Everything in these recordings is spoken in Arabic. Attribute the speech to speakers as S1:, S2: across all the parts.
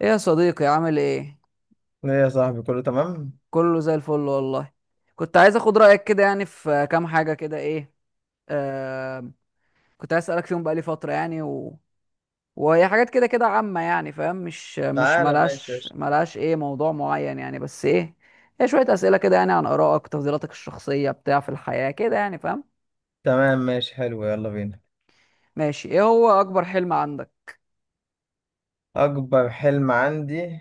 S1: ايه يا صديقي، عامل ايه؟
S2: ايه يا صاحبي، كله تمام.
S1: كله زي الفل والله. كنت عايز اخد رايك كده، يعني في كام حاجه كده، ايه آه كنت عايز اسالك فيهم بقالي فتره يعني وهي حاجات كده كده عامه، يعني فاهم، مش
S2: تعالى ماشي يا
S1: ملهاش
S2: شيخ.
S1: ملهاش ايه موضوع معين يعني، بس ايه. هي شويه اسئله كده، يعني عن ارائك، تفضيلاتك الشخصيه بتاع في الحياه كده يعني، فاهم.
S2: تمام ماشي، حلو، يلا بينا.
S1: ماشي، ايه هو اكبر حلم عندك؟
S2: اكبر حلم عندي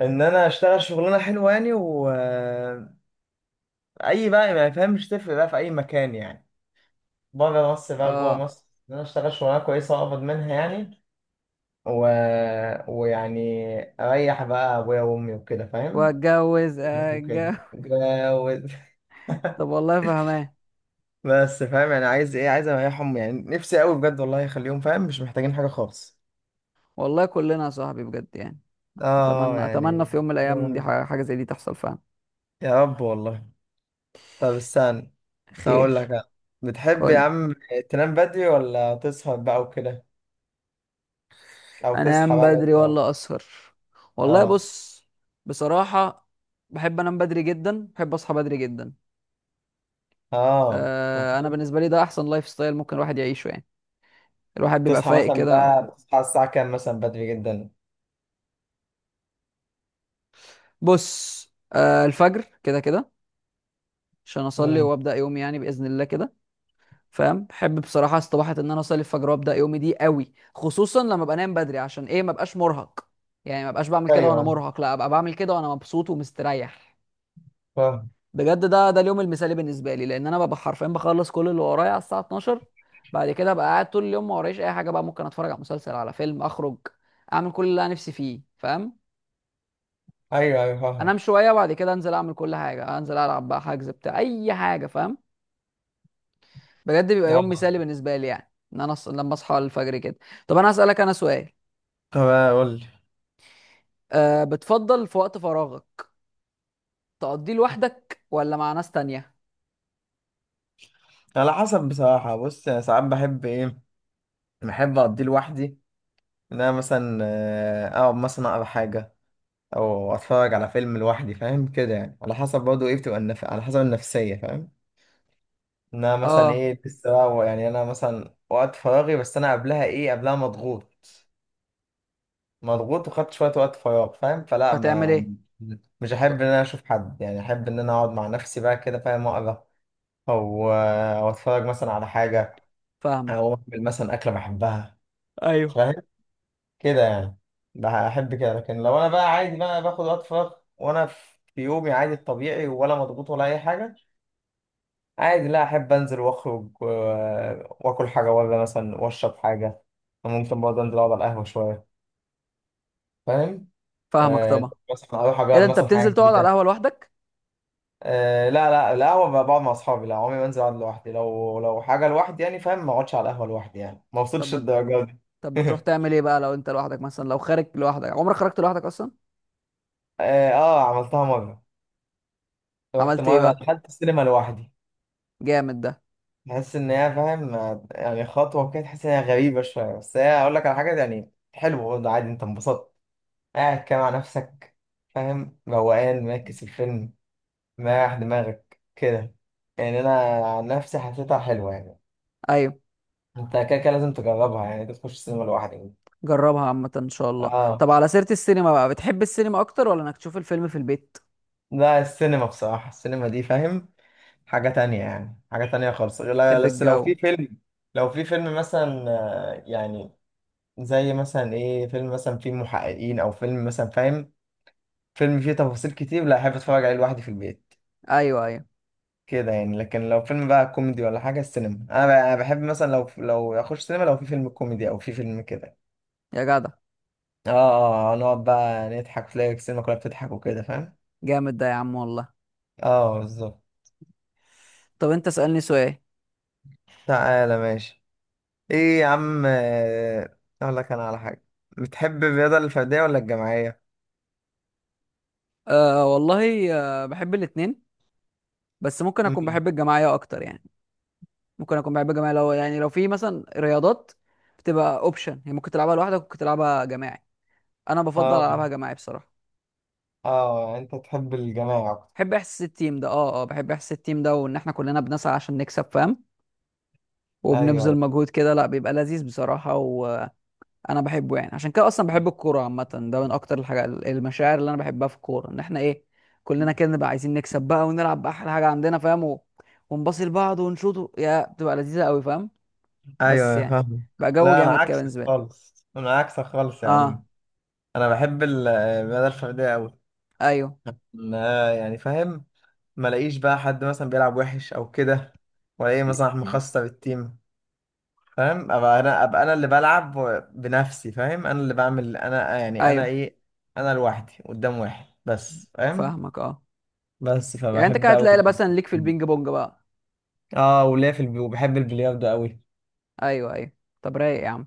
S2: ان انا اشتغل شغلانه حلوه يعني اي بقى ما يفهمش تفرق بقى في اي مكان يعني، بره مصر بقى جوه
S1: اه.
S2: مصر، ان انا اشتغل شغلانه كويسه واقبض منها يعني و... ويعني اريح بقى ابويا وامي وكده، فاهم؟
S1: واتجوز اتجوز.
S2: وكده. و-
S1: طب والله فهمان.
S2: بس فاهم يعني عايز ايه؟ عايز اريحهم يعني، نفسي قوي بجد والله يخليهم، فاهم؟ مش محتاجين حاجه خالص.
S1: والله كلنا يا صاحبي بجد يعني.
S2: اه
S1: اتمنى، اتمنى في
S2: يعني.
S1: يوم من الايام دي
S2: جوان.
S1: حاجه زي دي تحصل فعلا.
S2: يا رب والله. طب استنى
S1: خير.
S2: اقول لك أنا. بتحب يا
S1: قول.
S2: عم تنام بدري ولا تسهر بقى وكده، او تصحى
S1: انام
S2: بقى
S1: بدري
S2: بدري او
S1: ولا اسهر؟ والله
S2: اه
S1: بص، بصراحه، بحب انام بدري جدا، بحب اصحى بدري جدا.
S2: اه
S1: انا بالنسبه لي ده احسن لايف ستايل ممكن الواحد يعيشه يعني. الواحد بيبقى
S2: تصحى
S1: فايق
S2: مثلا
S1: كده.
S2: بقى؟ بتصحى الساعة كام مثلا؟ بدري جدا؟
S1: بص، الفجر كده كده عشان اصلي
S2: امم.
S1: وابدا يومي يعني باذن الله كده. فاهم، بحب بصراحه استباحه ان انا اصلي الفجر وابدا يومي دي قوي، خصوصا لما ابقى نايم بدري، عشان ايه؟ ما ابقاش مرهق يعني. ما ابقاش بعمل كده وانا
S2: ايوه
S1: مرهق، لا ابقى بعمل كده وانا مبسوط ومستريح.
S2: فاهم.
S1: بجد ده اليوم المثالي بالنسبه لي، لان انا ببقى حرفيا بخلص كل اللي ورايا على الساعه 12. بعد كده ابقى قاعد طول اليوم، ما ورايش اي حاجه بقى، ممكن اتفرج على مسلسل، على فيلم، اخرج، اعمل كل اللي انا نفسي فيه فاهم.
S2: ايوه ايوه
S1: انام
S2: فاهم.
S1: شويه وبعد كده انزل اعمل كل حاجه، انزل العب بقى حجز بتاع اي حاجه فاهم. بجد بيبقى يوم
S2: اه.
S1: مثالي بالنسبه لي يعني، ان انا لما اصحى الفجر كده. طب انا هسالك انا سؤال.
S2: طب قول لي،
S1: أه، بتفضل في وقت فراغك تقضيه لوحدك ولا مع ناس تانية؟
S2: على حسب بصراحة. بص أنا ساعات بحب ايه، بحب اقضيه لوحدي، ان انا مثلا اقعد مثلا اقرا حاجة او اتفرج على فيلم لوحدي، فاهم كده يعني. على حسب برضه ايه، بتبقى على حسب النفسيه، فاهم؟ ان انا مثلا
S1: اه.
S2: ايه لسه بقى، يعني انا مثلا وقت فراغي، بس انا قبلها ايه، قبلها مضغوط. مضغوط وخدت شويه وقت فراغ، فاهم؟ فلا
S1: هتعمل
S2: ما
S1: ايه؟
S2: مش
S1: ط-
S2: احب ان انا اشوف حد، يعني احب ان انا اقعد مع نفسي بقى كده، فاهم؟ اقرا او اتفرج مثلا على حاجه،
S1: فاهمك.
S2: او اعمل مثلا اكله بحبها،
S1: ايوه.
S2: فاهم؟ كده يعني. بحب كده. لكن لو انا بقى عادي بقى باخد وقت فراغ وانا في يومي عادي الطبيعي، ولا مضغوط ولا اي حاجه، عادي، لا احب انزل واخرج واكل حاجه بره مثلا واشرب حاجه، ممكن برضه انزل اقعد على القهوه شويه، فاهم؟
S1: فاهمك
S2: آه،
S1: طبعا.
S2: مثلا اروح
S1: ايه
S2: اجرب
S1: ده، انت
S2: مثلا
S1: بتنزل
S2: حاجه
S1: تقعد على
S2: جديده.
S1: القهوه لوحدك؟
S2: آه لا، القهوه بقى بقعد مع اصحابي، لا عمري ما انزل اقعد لوحدي، لو حاجه لوحدي يعني، فاهم؟ ما اقعدش على القهوه لوحدي يعني، ما
S1: طب
S2: وصلتش
S1: بت...
S2: الدرجه دي.
S1: طب بتروح تعمل ايه بقى لو انت لوحدك، مثلا لو خارج لوحدك، عمرك خرجت لوحدك اصلا؟
S2: اه عملتها مره، رحت
S1: عملت ايه
S2: مره
S1: بقى؟
S2: دخلت السينما لوحدي.
S1: جامد ده.
S2: تحس ان هي، فاهم؟ يعني خطوه كده، تحس ان هي غريبه شويه، بس هي اقول لك على حاجه يعني حلو برضه، عادي، انت انبسطت قاعد كده مع نفسك، فاهم؟ روقان، مركز في الفيلم، مريح دماغك كده، يعني انا عن نفسي حسيتها حلوه يعني.
S1: ايوه.
S2: انت كده كده لازم تجربها يعني، تخش السينما لوحدك.
S1: جربها عامه ان شاء الله. طب
S2: اه
S1: على سيره السينما بقى، بتحب السينما اكتر ولا انك تشوف الفيلم في البيت؟
S2: لا، السينما بصراحه، السينما دي فاهم حاجه تانية يعني، حاجه تانية خالص. لا
S1: تحب
S2: بس لو
S1: الجو.
S2: في فيلم، لو في فيلم مثلا يعني زي مثلا ايه، فيلم مثلا فيه محققين، او فيلم مثلا فاهم، فيلم فيه تفاصيل كتير، لا احب اتفرج عليه لوحدي في البيت
S1: ايوه، ايوه.
S2: كده يعني. لكن لو فيلم بقى كوميدي ولا حاجه، السينما انا بقى، أنا بحب مثلا لو اخش سينما، لو في فيلم كوميدي او في فيلم كده،
S1: يا جدع،
S2: اه نقعد بقى نضحك، تلاقي السينما كلها بتضحك وكده، فاهم؟
S1: جامد ده يا عم والله.
S2: اه بالظبط.
S1: طب انت اسألني سؤال.
S2: تعالى ماشي. ايه يا عم، اقول لك انا على حاجه، بتحب الرياضه الفرديه ولا الجماعيه؟
S1: أه والله. أه، بحب الاتنين، بس ممكن اكون
S2: امم.
S1: بحب الجماعية اكتر يعني. ممكن اكون بحب الجماعية، لو يعني لو في مثلا رياضات بتبقى اوبشن، هي ممكن تلعبها لوحدك، ممكن تلعبها جماعي، انا بفضل
S2: اه
S1: العبها جماعي بصراحة.
S2: اه انت تحب الجماعه اكتر.
S1: بحب احساس التيم ده، اه اه، بحب احساس التيم ده، وان احنا كلنا بنسعى عشان نكسب فاهم.
S2: ايوه
S1: وبنبذل
S2: أيوة.
S1: مجهود كده، لا بيبقى لذيذ بصراحة انا بحبه يعني، عشان كده اصلا بحب الكوره عامه. ده من اكتر الحاجات، المشاعر اللي انا بحبها في الكوره، ان احنا ايه، كلنا كده نبقى عايزين نكسب بقى ونلعب باحلى حاجه عندنا فاهم. ونباصي لبعض ونشوط، يا بتبقى لذيذه قوي فاهم. بس
S2: ايوه
S1: يعني،
S2: فاهم.
S1: بقى جو
S2: لا انا
S1: جامد كده
S2: عكسك
S1: بالنسبه لي.
S2: خالص، انا عكسك خالص يا عم،
S1: اه.
S2: انا بحب المدى الفرديه قوي،
S1: ايوه،
S2: ما يعني، فاهم؟ ما الاقيش بقى حد مثلا بيلعب وحش او كده، ولا ايه، مثلا احنا مخصصه بالتيم، فاهم؟ ابقى انا، ابقى انا اللي بلعب بنفسي، فاهم؟ انا اللي بعمل، انا يعني انا
S1: ايوه،
S2: ايه، انا لوحدي قدام واحد بس، فاهم؟
S1: فاهمك. اه
S2: بس
S1: يعني، انت كده
S2: فبحب قوي.
S1: هتلاقي مثلا ليك في البينج بونج بقى.
S2: اه وليا وبحب البلياردو قوي.
S1: ايوه، ايوه. طب رايق يا عم.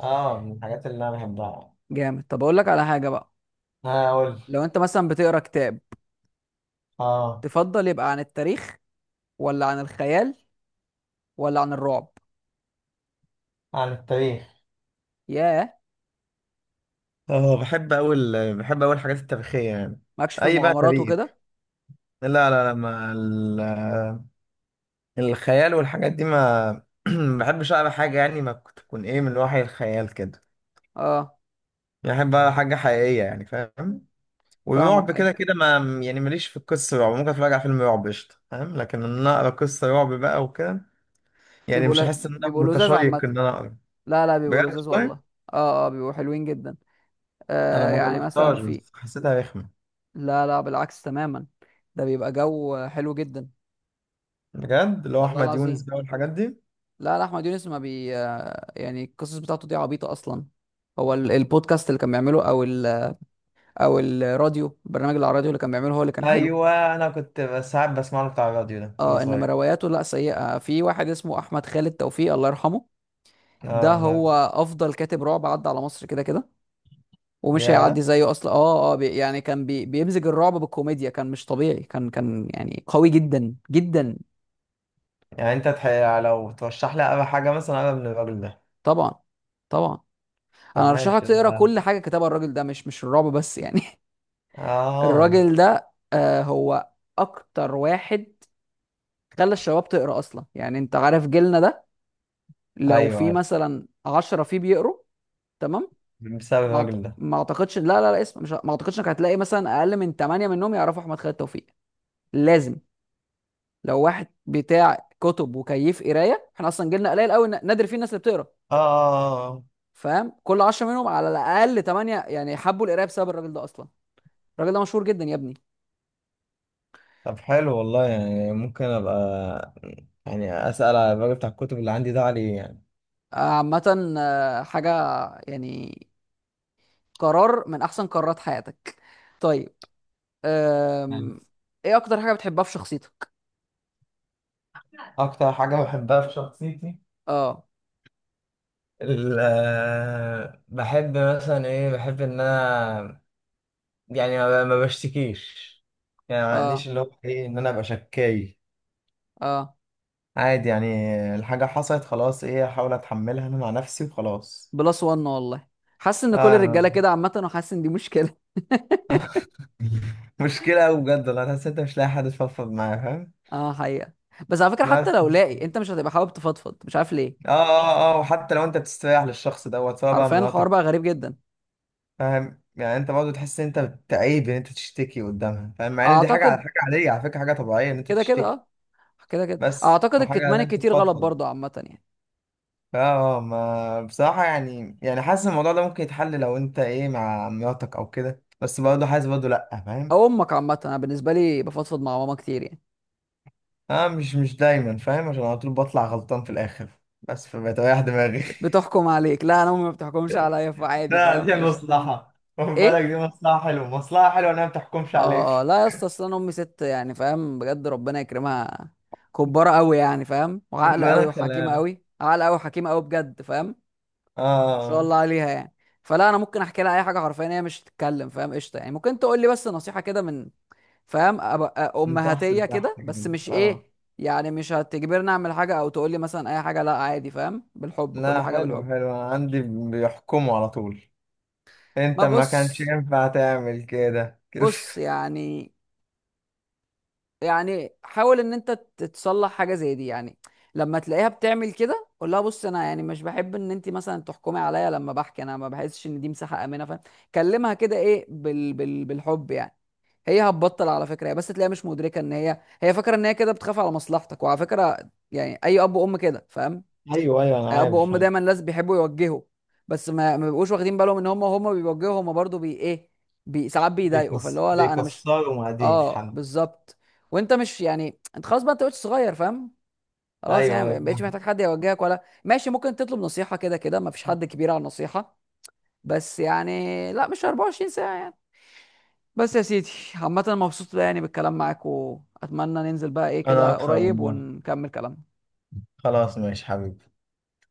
S2: اه من الحاجات اللي انا بحبها.
S1: جامد. طب اقول لك على حاجه بقى،
S2: ها اقول.
S1: لو انت مثلا بتقرا كتاب،
S2: اه
S1: تفضل يبقى عن التاريخ، ولا عن الخيال، ولا عن الرعب؟
S2: عن التاريخ.
S1: ياه.
S2: اه بحب اول، بحب اول الحاجات التاريخية يعني.
S1: ماكش في
S2: اي بقى
S1: المغامرات
S2: تاريخ.
S1: وكده؟
S2: لا ما ال... الخيال والحاجات دي ما ما بحبش اقرا حاجة يعني ما تكون ايه، من وحي الخيال كده
S1: اه.
S2: يعني. بحب اقرا حاجة حقيقية يعني، فاهم؟
S1: فاهمك
S2: ورعب
S1: ايوه.
S2: كده كده ما يعني، ماليش في القصة رعب. ممكن اتفرج على فيلم رعب قشطة، فاهم؟ لكن ان انا اقرا قصة رعب بقى وكده، يعني مش هحس ان انا
S1: بيبقوا لذاذ عامه.
S2: متشيق ان انا اقرا.
S1: لا لا، بيبقوا
S2: بجد
S1: لذاذ
S2: والله.
S1: والله. اه اه، بيبقوا حلوين جدا.
S2: انا ما
S1: يعني مثلا
S2: جربتهاش
S1: في.
S2: بس حسيتها رخمة.
S1: لا لا، بالعكس تماما. ده بيبقى جو حلو جدا.
S2: بجد، اللي هو
S1: والله
S2: احمد يونس
S1: العظيم.
S2: بقى والحاجات دي.
S1: لا لا، احمد يونس ما بي آه، يعني القصص بتاعته دي عبيطه اصلا. هو البودكاست اللي كان بيعمله او الراديو، البرنامج اللي على الراديو اللي كان بيعمله هو اللي كان حلو.
S2: ايوه انا كنت بس ساعات بسمع له بتاع الراديو ده وانا
S1: اه، انما
S2: صغير.
S1: رواياته لا سيئه، في واحد اسمه احمد خالد توفيق الله يرحمه. ده
S2: اه لا
S1: هو افضل كاتب رعب عدى على مصر كده كده، ومش هيعدي
S2: يا،
S1: زيه اصلا. اه اه، بي يعني كان بي بيمزج الرعب بالكوميديا، كان مش طبيعي، كان يعني قوي جدا جدا.
S2: يعني لو ترشح لي اقرا حاجه مثلا، اقرا من الراجل ده.
S1: طبعا، طبعا.
S2: طب
S1: انا ارشح
S2: ماشي
S1: لك
S2: لا
S1: تقرا
S2: لا.
S1: كل حاجه كتبها الراجل ده، مش الرعب بس يعني.
S2: اه.
S1: الراجل ده هو اكتر واحد خلى الشباب تقرا اصلا. يعني انت عارف جيلنا ده، لو
S2: ايوه
S1: في
S2: ايوه،
S1: مثلا عشرة فيه بيقروا، تمام.
S2: بسبب الراجل ده.
S1: ما اعتقدش، لا لا لا، اسم مش ما اعتقدش انك هتلاقي مثلا اقل من 8 منهم يعرفوا احمد خالد توفيق. لازم. لو واحد بتاع كتب وكيف قرايه، احنا اصلا جيلنا قليل قوي، نادر فيه الناس اللي بتقرا
S2: اه
S1: فاهم. كل 10 منهم على الاقل 8 يعني حبوا القرايه بسبب الراجل ده اصلا. الراجل ده مشهور جدا يا ابني.
S2: طب حلو والله، يعني ممكن ابقى يعني اسال على الراجل بتاع الكتب اللي عندي ده عليه يعني.
S1: عامه حاجه يعني، قرار من احسن قرارات حياتك. طيب. أم... ايه اكتر حاجه بتحبها في شخصيتك؟
S2: اكتر حاجه بحبها في شخصيتي
S1: اه
S2: بحب مثلا ايه، بحب ان انا يعني ما بشتكيش، يعني ما عنديش
S1: اه
S2: اللي هو ايه ان انا ابقى شكاي،
S1: اه.
S2: عادي يعني، الحاجة حصلت خلاص ايه، احاول اتحملها انا مع نفسي وخلاص.
S1: بلس وان والله. حاسس ان كل
S2: آه.
S1: الرجاله كده عامه، وحاسس ان دي مشكله.
S2: مشكلة أوي بجد والله، تحس أنت مش لاقي حد تفضفض معاه، فاهم؟
S1: اه حقيقه. بس على فكره، حتى
S2: بس
S1: لو لاقي انت مش هتبقى حابب تفضفض، مش عارف
S2: اه
S1: ليه.
S2: اه اه وحتى لو أنت بتستريح للشخص دوت، سواء بقى
S1: حرفيا الحوار
S2: مراتك،
S1: بقى غريب جدا.
S2: فاهم؟ يعني أنت برضه تحس إن أنت بتعيب إن أنت تشتكي قدامها، فاهم؟ مع إن دي حاجة على
S1: اعتقد
S2: حاجة عادية، على فكرة حاجة طبيعية إن أنت
S1: كده كده،
S2: تشتكي.
S1: اه. كده كده
S2: بس
S1: اعتقد
S2: وحاجة إن
S1: الكتمان
S2: أنت
S1: الكتير غلط
S2: تفضفض.
S1: برضه عامه يعني.
S2: اه ما بصراحة يعني، يعني حاسس الموضوع ده ممكن يتحل لو انت ايه مع مراتك او كده، بس برضه حاسس برضه لأ، فاهم؟
S1: او امك، عامه انا بالنسبه لي بفضفض مع ماما كتير يعني.
S2: اه مش دايما فاهم، عشان على طول بطلع غلطان في الآخر، بس فبتريح دماغي.
S1: بتحكم عليك؟ لا، انا امي ما بتحكمش عليا، فعادي
S2: لا
S1: فاهم،
S2: دي
S1: ايش
S2: مصلحة، خد بالك
S1: ايه.
S2: دي مصلحة حلوة، مصلحة حلوة انها ما بتحكمش عليك.
S1: اه، لا يا اسطى، اصل انا امي ست يعني فاهم، بجد ربنا يكرمها. كبارة قوي يعني فاهم، وعاقله
S2: ربنا
S1: قوي
S2: يخليها
S1: وحكيمه
S2: لك.
S1: قوي، عاقله قوي وحكيمه قوي بجد فاهم.
S2: اه
S1: ما شاء
S2: آه.
S1: الله عليها يعني. فلا انا ممكن احكي لها اي حاجه حرفيا، هي مش تتكلم فاهم، قشطه يعني. ممكن تقول لي بس نصيحه كده من، فاهم، أبقى
S2: من تحت
S1: امهاتيه
S2: لتحت
S1: كده، بس
S2: كده،
S1: مش
S2: اه.
S1: ايه يعني، مش هتجبرني اعمل حاجه، او تقول لي مثلا اي حاجه، لا عادي فاهم، بالحب كل
S2: لا
S1: حاجه
S2: حلو
S1: بالحب.
S2: حلو، أنا عندي بيحكموا على طول، انت
S1: ما
S2: ما
S1: بص
S2: كانش ينفع تعمل كده كده.
S1: بص يعني، يعني حاول ان انت تتصلح حاجه زي دي يعني. لما تلاقيها بتعمل كده قول لها، بص انا يعني مش بحب ان انت مثلا تحكمي عليا، لما بحكي انا ما بحسش ان دي مساحه امنه فاهم. كلمها كده ايه، بال بالحب يعني. هي هتبطل على فكره، هي بس تلاقيها مش مدركه ان هي، فاكره ان هي كده بتخاف على مصلحتك، وعلى فكره يعني اي اب وام كده فاهم.
S2: ايوه ايوه انا
S1: اب
S2: عارف.
S1: وام دايما ناس بيحبوا يوجهوا، بس ما بيبقوش واخدين بالهم ان هم بيوجهوا، هم برضو بي ايه بي ساعات بيضايقوا، فاللي هو لا انا مش.
S2: بيكسروا مقاديف
S1: اه
S2: حنا.
S1: بالظبط. وانت مش يعني، انت خلاص بقى، انت بقيت صغير فاهم. خلاص يعني
S2: ايوه ايوه.
S1: ما بقتش محتاج حد يوجهك، ولا ماشي، ممكن تطلب نصيحة كده كده، ما فيش حد كبير على النصيحة. بس يعني لا مش 24 ساعة يعني. بس يا سيدي. عامة مبسوط يعني بالكلام معاك، واتمنى ننزل بقى ايه
S2: انا
S1: كده
S2: اكثر
S1: قريب،
S2: والله.
S1: ونكمل كلامنا.
S2: خلاص ماشي حبيبي.